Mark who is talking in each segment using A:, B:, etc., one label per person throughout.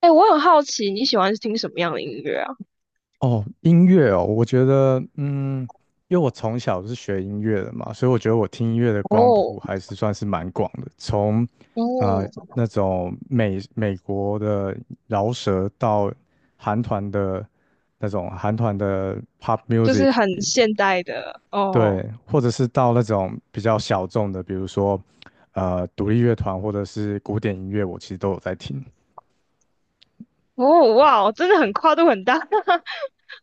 A: 哎，我很好奇你喜欢听什么样的音乐啊？
B: 哦，音乐哦，我觉得，因为我从小是学音乐的嘛，所以我觉得我听音乐的光
A: 哦
B: 谱还是算是蛮广的，从，呃，
A: 哦，
B: 那种美国的饶舌到韩团的那种韩团的 pop
A: 就
B: music。
A: 是很现代的哦。
B: 对，或者是到那种比较小众的，比如说，独立乐团或者是古典音乐，我其实都有在听。
A: 哦哇，真的很跨度很大。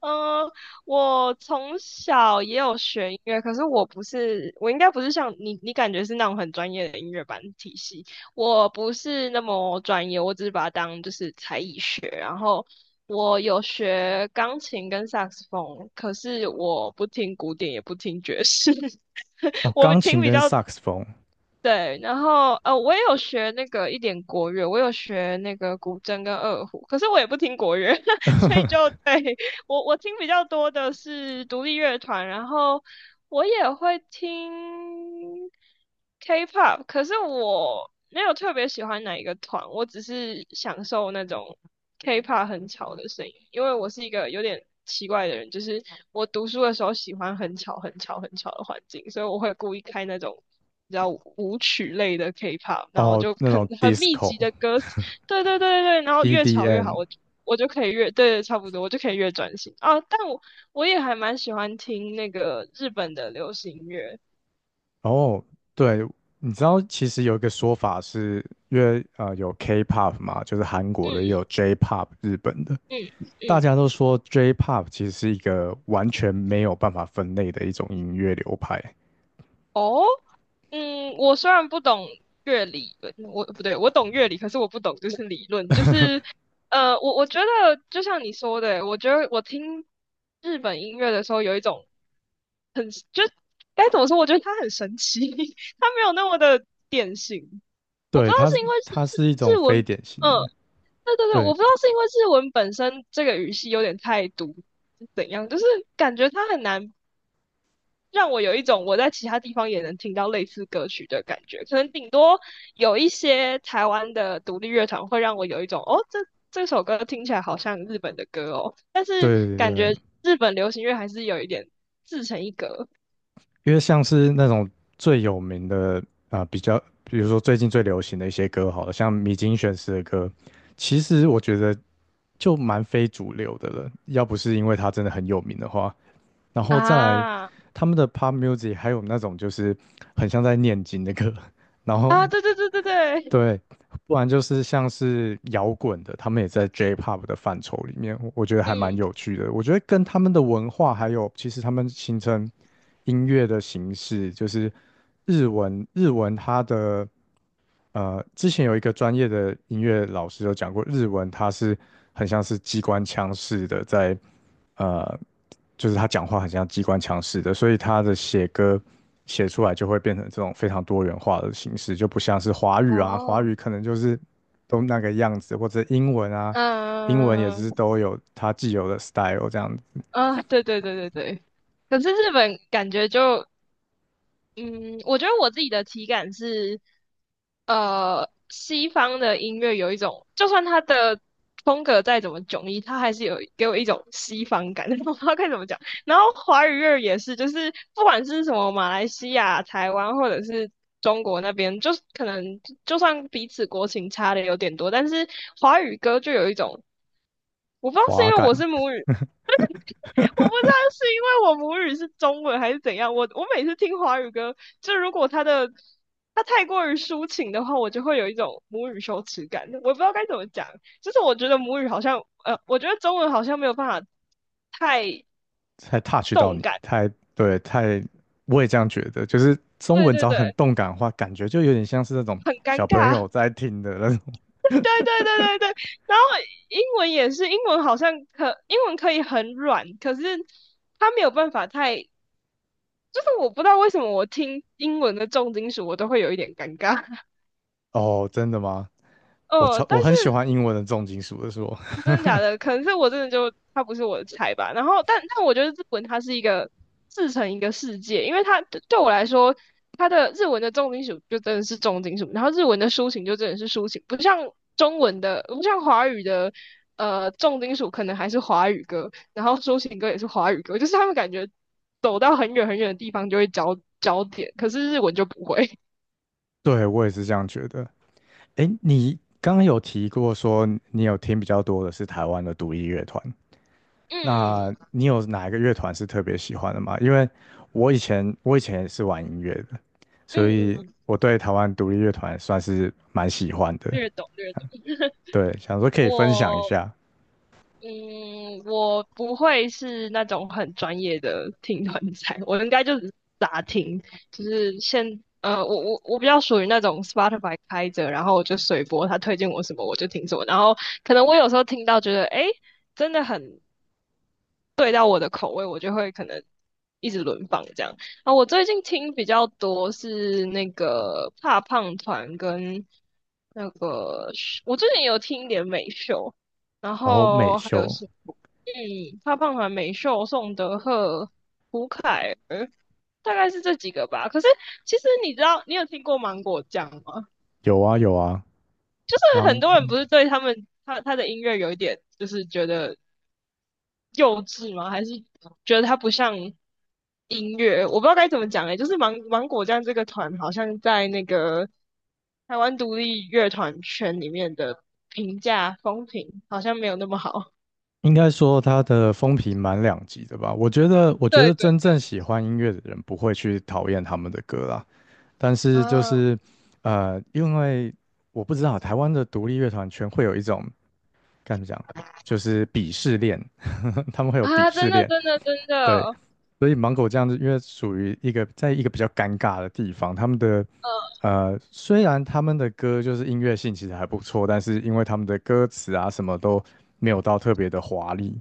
A: 嗯，我从小也有学音乐，可是我不是，我应该不是像你，你感觉是那种很专业的音乐班体系，我不是那么专业，我只是把它当就是才艺学，然后。我有学钢琴跟萨克斯风，可是我不听古典，也不听爵士。
B: 哦，
A: 我
B: 钢
A: 听
B: 琴
A: 比
B: 跟
A: 较
B: 萨克斯风。
A: 对，然后我也有学那个一点国乐，我有学那个古筝跟二胡，可是我也不听国乐，所以就 对 我听比较多的是独立乐团，然后我也会听 K-pop,可是我没有特别喜欢哪一个团，我只是享受那种 K-pop 很吵的声音，因为我是一个有点奇怪的人，就是我读书的时候喜欢很吵、很吵、很吵的环境，所以我会故意开那种。比较舞曲类的 K-pop,然后
B: 哦，
A: 就
B: 那
A: 很
B: 种
A: 很密集
B: disco。
A: 的歌词，对对对对对，然后越吵越
B: EDN，
A: 好，我就可以越对，差不多，我就可以越专心啊。但我也还蛮喜欢听那个日本的流行乐。
B: 哦，对，你知道其实有一个说法是，因为有 K-pop 嘛，就是韩国的，也
A: 嗯
B: 有 J-pop 日本的，
A: 嗯
B: 大
A: 嗯，
B: 家都说 J-pop 其实是一个完全没有办法分类的一种音乐流派。
A: 哦，嗯，我虽然不懂乐理论，我不对，我懂乐理，可是我不懂就是理论，就是我觉得就像你说的，我觉得我听日本音乐的时候有一种很就该怎么说，我觉得它很神奇，它没有那么的典型。我不知
B: 对，
A: 道
B: 它是
A: 是因为
B: 它是一
A: 是
B: 种
A: 日文，
B: 非典型
A: 嗯
B: 的，
A: 对对对，我
B: 对
A: 不知道是因为日文本身这个语系有点太独，是怎样，就是感觉它很难让我有一种我在其他地方也能听到类似歌曲的感觉。可能顶多有一些台湾的独立乐团会让我有一种哦，这首歌听起来好像日本的歌哦，但是
B: 对对
A: 感
B: 对。
A: 觉日本流行乐还是有一点自成一格
B: 因为像是那种最有名的啊、比较，比如说最近最流行的一些歌，好了，像米津玄师的歌，其实我觉得就蛮非主流的了。要不是因为他真的很有名的话，然后再来
A: 啊
B: 他们的 pop music，还有那种就是很像在念经的歌，然
A: 啊，
B: 后
A: 对对对对对，
B: 对，不然就是像是摇滚的，他们也在 J-pop 的范畴里面，我觉得还蛮
A: 嗯，
B: 有趣的。我觉得跟他们的文化还有，其实他们形成音乐的形式，就是日文，日文它的呃，之前有一个专业的音乐老师有讲过，日文它是很像是机关枪式的在呃就是他讲话很像机关枪似的，所以他的写歌写出来就会变成这种非常多元化的形式，就不像是华语啊，华
A: 哦，
B: 语可能就是都那个样子，或者英文啊，英文也是
A: 嗯
B: 都有它既有的 style 这样子。
A: 嗯啊，对对对对对。可是日本感觉就嗯，我觉得我自己的体感是，西方的音乐有一种，就算它的风格再怎么迥异，它还是有给我一种西方感，我不知道该怎么讲。然后华语乐也是，就是不管是什么马来西亚、台湾或者是中国那边，就是可能就算彼此国情差的有点多，但是华语歌就有一种，我不知道是
B: 滑
A: 因为我
B: 感，
A: 是母语我不知道是 因为我母语是中文还是怎样，我每次听华语歌，就如果他太过于抒情的话，我就会有一种母语羞耻感，我不知道该怎么讲，就是我觉得母语好像，我觉得中文好像没有办法太
B: 才 touch 到
A: 动
B: 你，
A: 感，
B: 太对，太我也这样觉得，就是中
A: 对
B: 文只
A: 对
B: 要
A: 对，
B: 很动感的话，感觉就有点像是那种
A: 很尴
B: 小朋友
A: 尬，
B: 在听的那种。
A: 对对对对对，然后英文也是，英文好像英文可以很软，可是它没有办法太，就是我不知道为什么我听英文的重金属我都会有一点尴尬。
B: 哦，真的吗？
A: 但
B: 我
A: 是
B: 很喜欢英文的重金属的说。
A: 真的假的，可能是我真的就他不是我的菜吧。然后，但我觉得日文它是一个自成一个世界，因为它对我来说，它的日文的重金属就真的是重金属，然后日文的抒情就真的是抒情，不像中文的，不像华语的，重金属可能还是华语歌，然后抒情歌也是华语歌，就是他们感觉走到很远很远的地方就会焦点，可是日文就不会。
B: 对，我也是这样觉得。诶，你刚刚有提过说你有听比较多的是台湾的独立乐团，
A: 嗯
B: 那你有哪一个乐团是特别喜欢的吗？因为我以前也是玩音乐的，所
A: 嗯
B: 以
A: 嗯，
B: 我对台湾独立乐团算是蛮喜欢的。
A: 略懂略懂。
B: 对，想说可以分享一
A: 我
B: 下。
A: 嗯，我不会是那种很专业的听团仔，我应该就只是杂听，就是先我比较属于那种 Spotify 开着，然后我就随播，他推荐我什么我就听什么，然后可能我有时候听到觉得诶真的很对到我的口味，我就会可能一直轮放这样。啊，我最近听比较多是那个怕胖团跟那个我最近有听一点美秀，然
B: 然后美
A: 后还有
B: 秀
A: 是怕胖团、美秀、宋德赫、胡凯儿，大概是这几个吧。可是其实你知道，你有听过芒果酱吗？
B: 有啊有啊
A: 就是
B: 芒
A: 很
B: 果
A: 多人
B: n g
A: 不是
B: o
A: 对他们他的音乐有一点，就是觉得幼稚吗？还是觉得它不像音乐？我不知道该怎么讲诶、就是芒果酱这个团好像在那个台湾独立乐团圈里面的评价风评好像没有那么好。
B: 应该说他的风评蛮两极的吧。我觉得我 觉
A: 对
B: 得
A: 对
B: 真正喜欢音乐的人不会去讨厌他们的歌啦。但是就
A: 啊
B: 是因为我不知道台湾的独立乐团圈会有一种该怎么讲，就是鄙视链，他们会有鄙
A: 啊，真
B: 视
A: 的
B: 链。
A: 真的真的，
B: 对，所以芒果这样子，因为属于一个比较尴尬的地方，他们的呃，虽然他们的歌就是音乐性其实还不错，但是因为他们的歌词啊什么都没有到特别的华丽，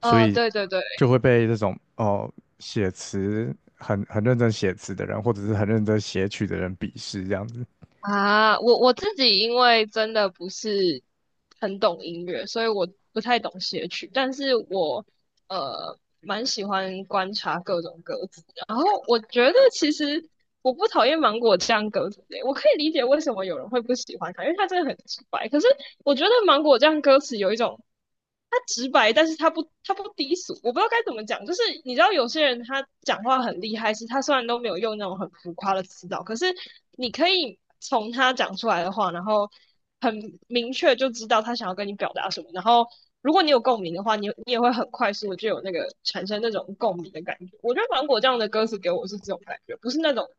B: 所以
A: 对对对
B: 就会被这种哦写词很认真写词的人，或者是很认真写曲的人鄙视这样子。
A: 啊，我自己因为真的不是很懂音乐，所以我不太懂写曲，但是我蛮喜欢观察各种鸽子。然后我觉得其实我不讨厌芒果酱鸽子诶，我可以理解为什么有人会不喜欢它，因为它真的很直白。可是我觉得芒果酱歌词有一种，它直白，但是它不低俗。我不知道该怎么讲，就是你知道有些人他讲话很厉害，是他虽然都没有用那种很浮夸的词藻，可是你可以从他讲出来的话，然后。很明确就知道他想要跟你表达什么，然后如果你有共鸣的话，你也会很快速的就有那个产生那种共鸣的感觉。我觉得芒果酱的歌词给我是这种感觉，不是那种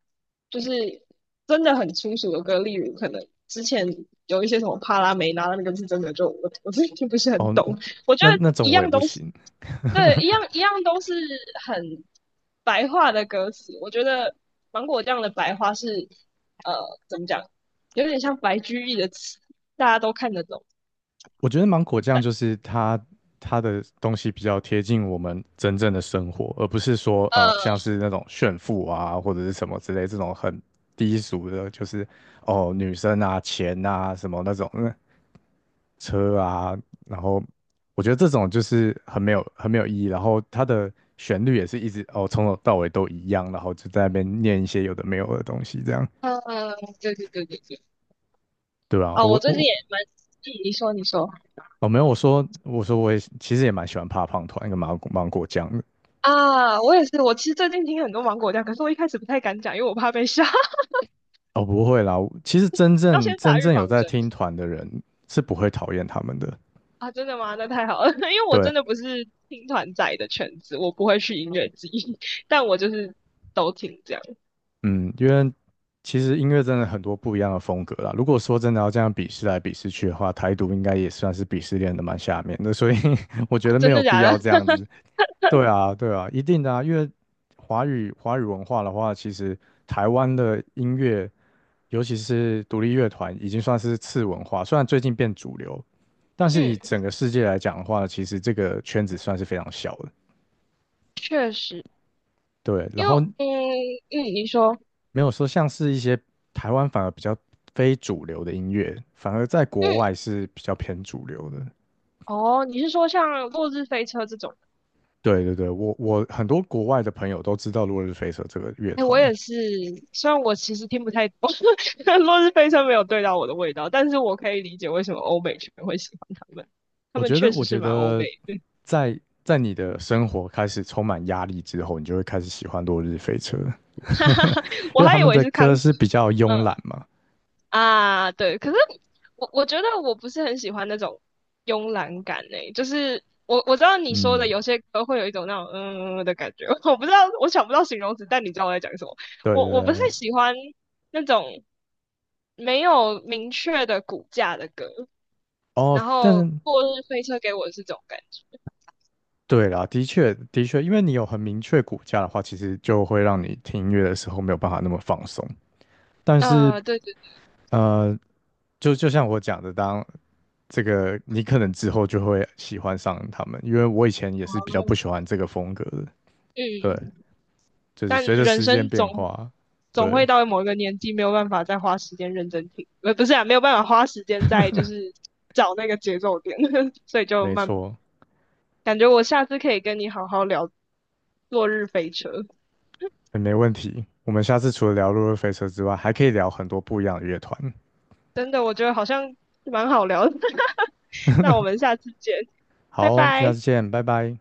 A: 就是真的很粗俗的歌，例如可能之前有一些什么帕拉梅拉那个是真的就我己听不是很
B: 哦，
A: 懂，我觉
B: 那
A: 得
B: 那种
A: 一
B: 我也
A: 样
B: 不
A: 都是
B: 行。
A: 对一样都是很白话的歌词，我觉得芒果酱的白话是呃怎么讲？有点像白居易的词，大家都看得懂。
B: 我觉得芒果酱就是它的东西比较贴近我们真正的生活，而不是说
A: 呃
B: 像是那种炫富啊或者是什么之类这种很低俗的，就是哦女生啊钱啊什么那种嗯车啊，然后我觉得这种就是很没有意义，然后它的旋律也是一直哦从头到尾都一样，然后就在那边念一些有的没有的东西这样。
A: 对对对对对。
B: 对啊，
A: 哦，我
B: 我
A: 最近
B: 我
A: 也蛮，你说
B: 哦，没有，我说我也其实也蛮喜欢怕胖团跟芒果酱的。
A: 啊，我也是，我其实最近听很多芒果酱，可是我一开始不太敢讲，因为我怕被吓，
B: 哦，不会啦，其实真
A: 要
B: 正
A: 先打
B: 真
A: 预
B: 正
A: 防
B: 有在
A: 针
B: 听团的人是不会讨厌他们的。
A: 啊。真的吗？那太好了，因为我
B: 对，
A: 真的不是听团仔的圈子，我不会去音乐季，但我就是都听这样。
B: 嗯，因为其实音乐真的很多不一样的风格啦。如果说真的要这样鄙视来鄙视去的话，台独应该也算是鄙视链的蛮下面的，所以 我觉
A: 啊
B: 得没
A: 真
B: 有
A: 的
B: 必
A: 假
B: 要
A: 的？
B: 这样子。对啊，对啊，一定的啊，因为华语文化的话，其实台湾的音乐，尤其是独立乐团，已经算是次文化，虽然最近变主流，但是以
A: 嗯，
B: 整个世界来讲的话，其实这个圈子算是非常小的。
A: 确实，
B: 对，然
A: 因为
B: 后
A: 你说
B: 没有说像是一些台湾反而比较非主流的音乐，反而在国
A: 嗯
B: 外是比较偏主流的。
A: 哦，你是说像《落日飞车》这种
B: 对对对，我很多国外的朋友都知道落日飞车这个乐
A: 哎，我
B: 团。
A: 也是，虽然我其实听不太懂，《落日飞车》没有对到我的味道，但是我可以理解为什么欧美圈会喜欢他们，他
B: 我
A: 们
B: 觉得
A: 确实
B: 我
A: 是
B: 觉
A: 蛮欧美
B: 得
A: 的。
B: 在你的生活开始充满压力之后，你就会开始喜欢落日飞车，
A: 我
B: 因为
A: 还
B: 他
A: 以
B: 们
A: 为
B: 的
A: 是康，
B: 歌是比较
A: 嗯
B: 慵懒嘛。
A: 啊，对，可是我觉得我不是很喜欢那种慵懒感诶、就是我知道你说的
B: 嗯，
A: 有些歌会有一种那种嗯嗯嗯的感觉，我不知道我想不到形容词，但你知道我在讲什么。
B: 对对
A: 我不是
B: 对。
A: 喜欢那种没有明确的骨架的歌，
B: 哦，
A: 然
B: 但
A: 后
B: 是
A: 落日飞车给我的是这种感觉。
B: 对啦，的确的确，因为你有很明确骨架的话，其实就会让你听音乐的时候没有办法那么放松。但是
A: 对对对，
B: 呃，就像我讲的，当这个你可能之后就会喜欢上他们，因为我以前也是比较不喜欢这个风格的，
A: 嗯，
B: 对，
A: 嗯
B: 就是
A: 但
B: 随着
A: 人
B: 时间
A: 生总
B: 变化。
A: 会
B: 对。
A: 到某一个年纪，没有办法再花时间认真听，不是啊，没有办法花时间再，就是找那个节奏点，所以就
B: 没
A: 慢。
B: 错，
A: 感觉我下次可以跟你好好聊落日飞车，
B: 也没问题。我们下次除了聊《落日飞车》之外，还可以聊很多不一样的乐团。
A: 真的，我觉得好像蛮好聊的。那我们下次见，
B: 好
A: 拜
B: 哦，下
A: 拜。
B: 次见，拜拜。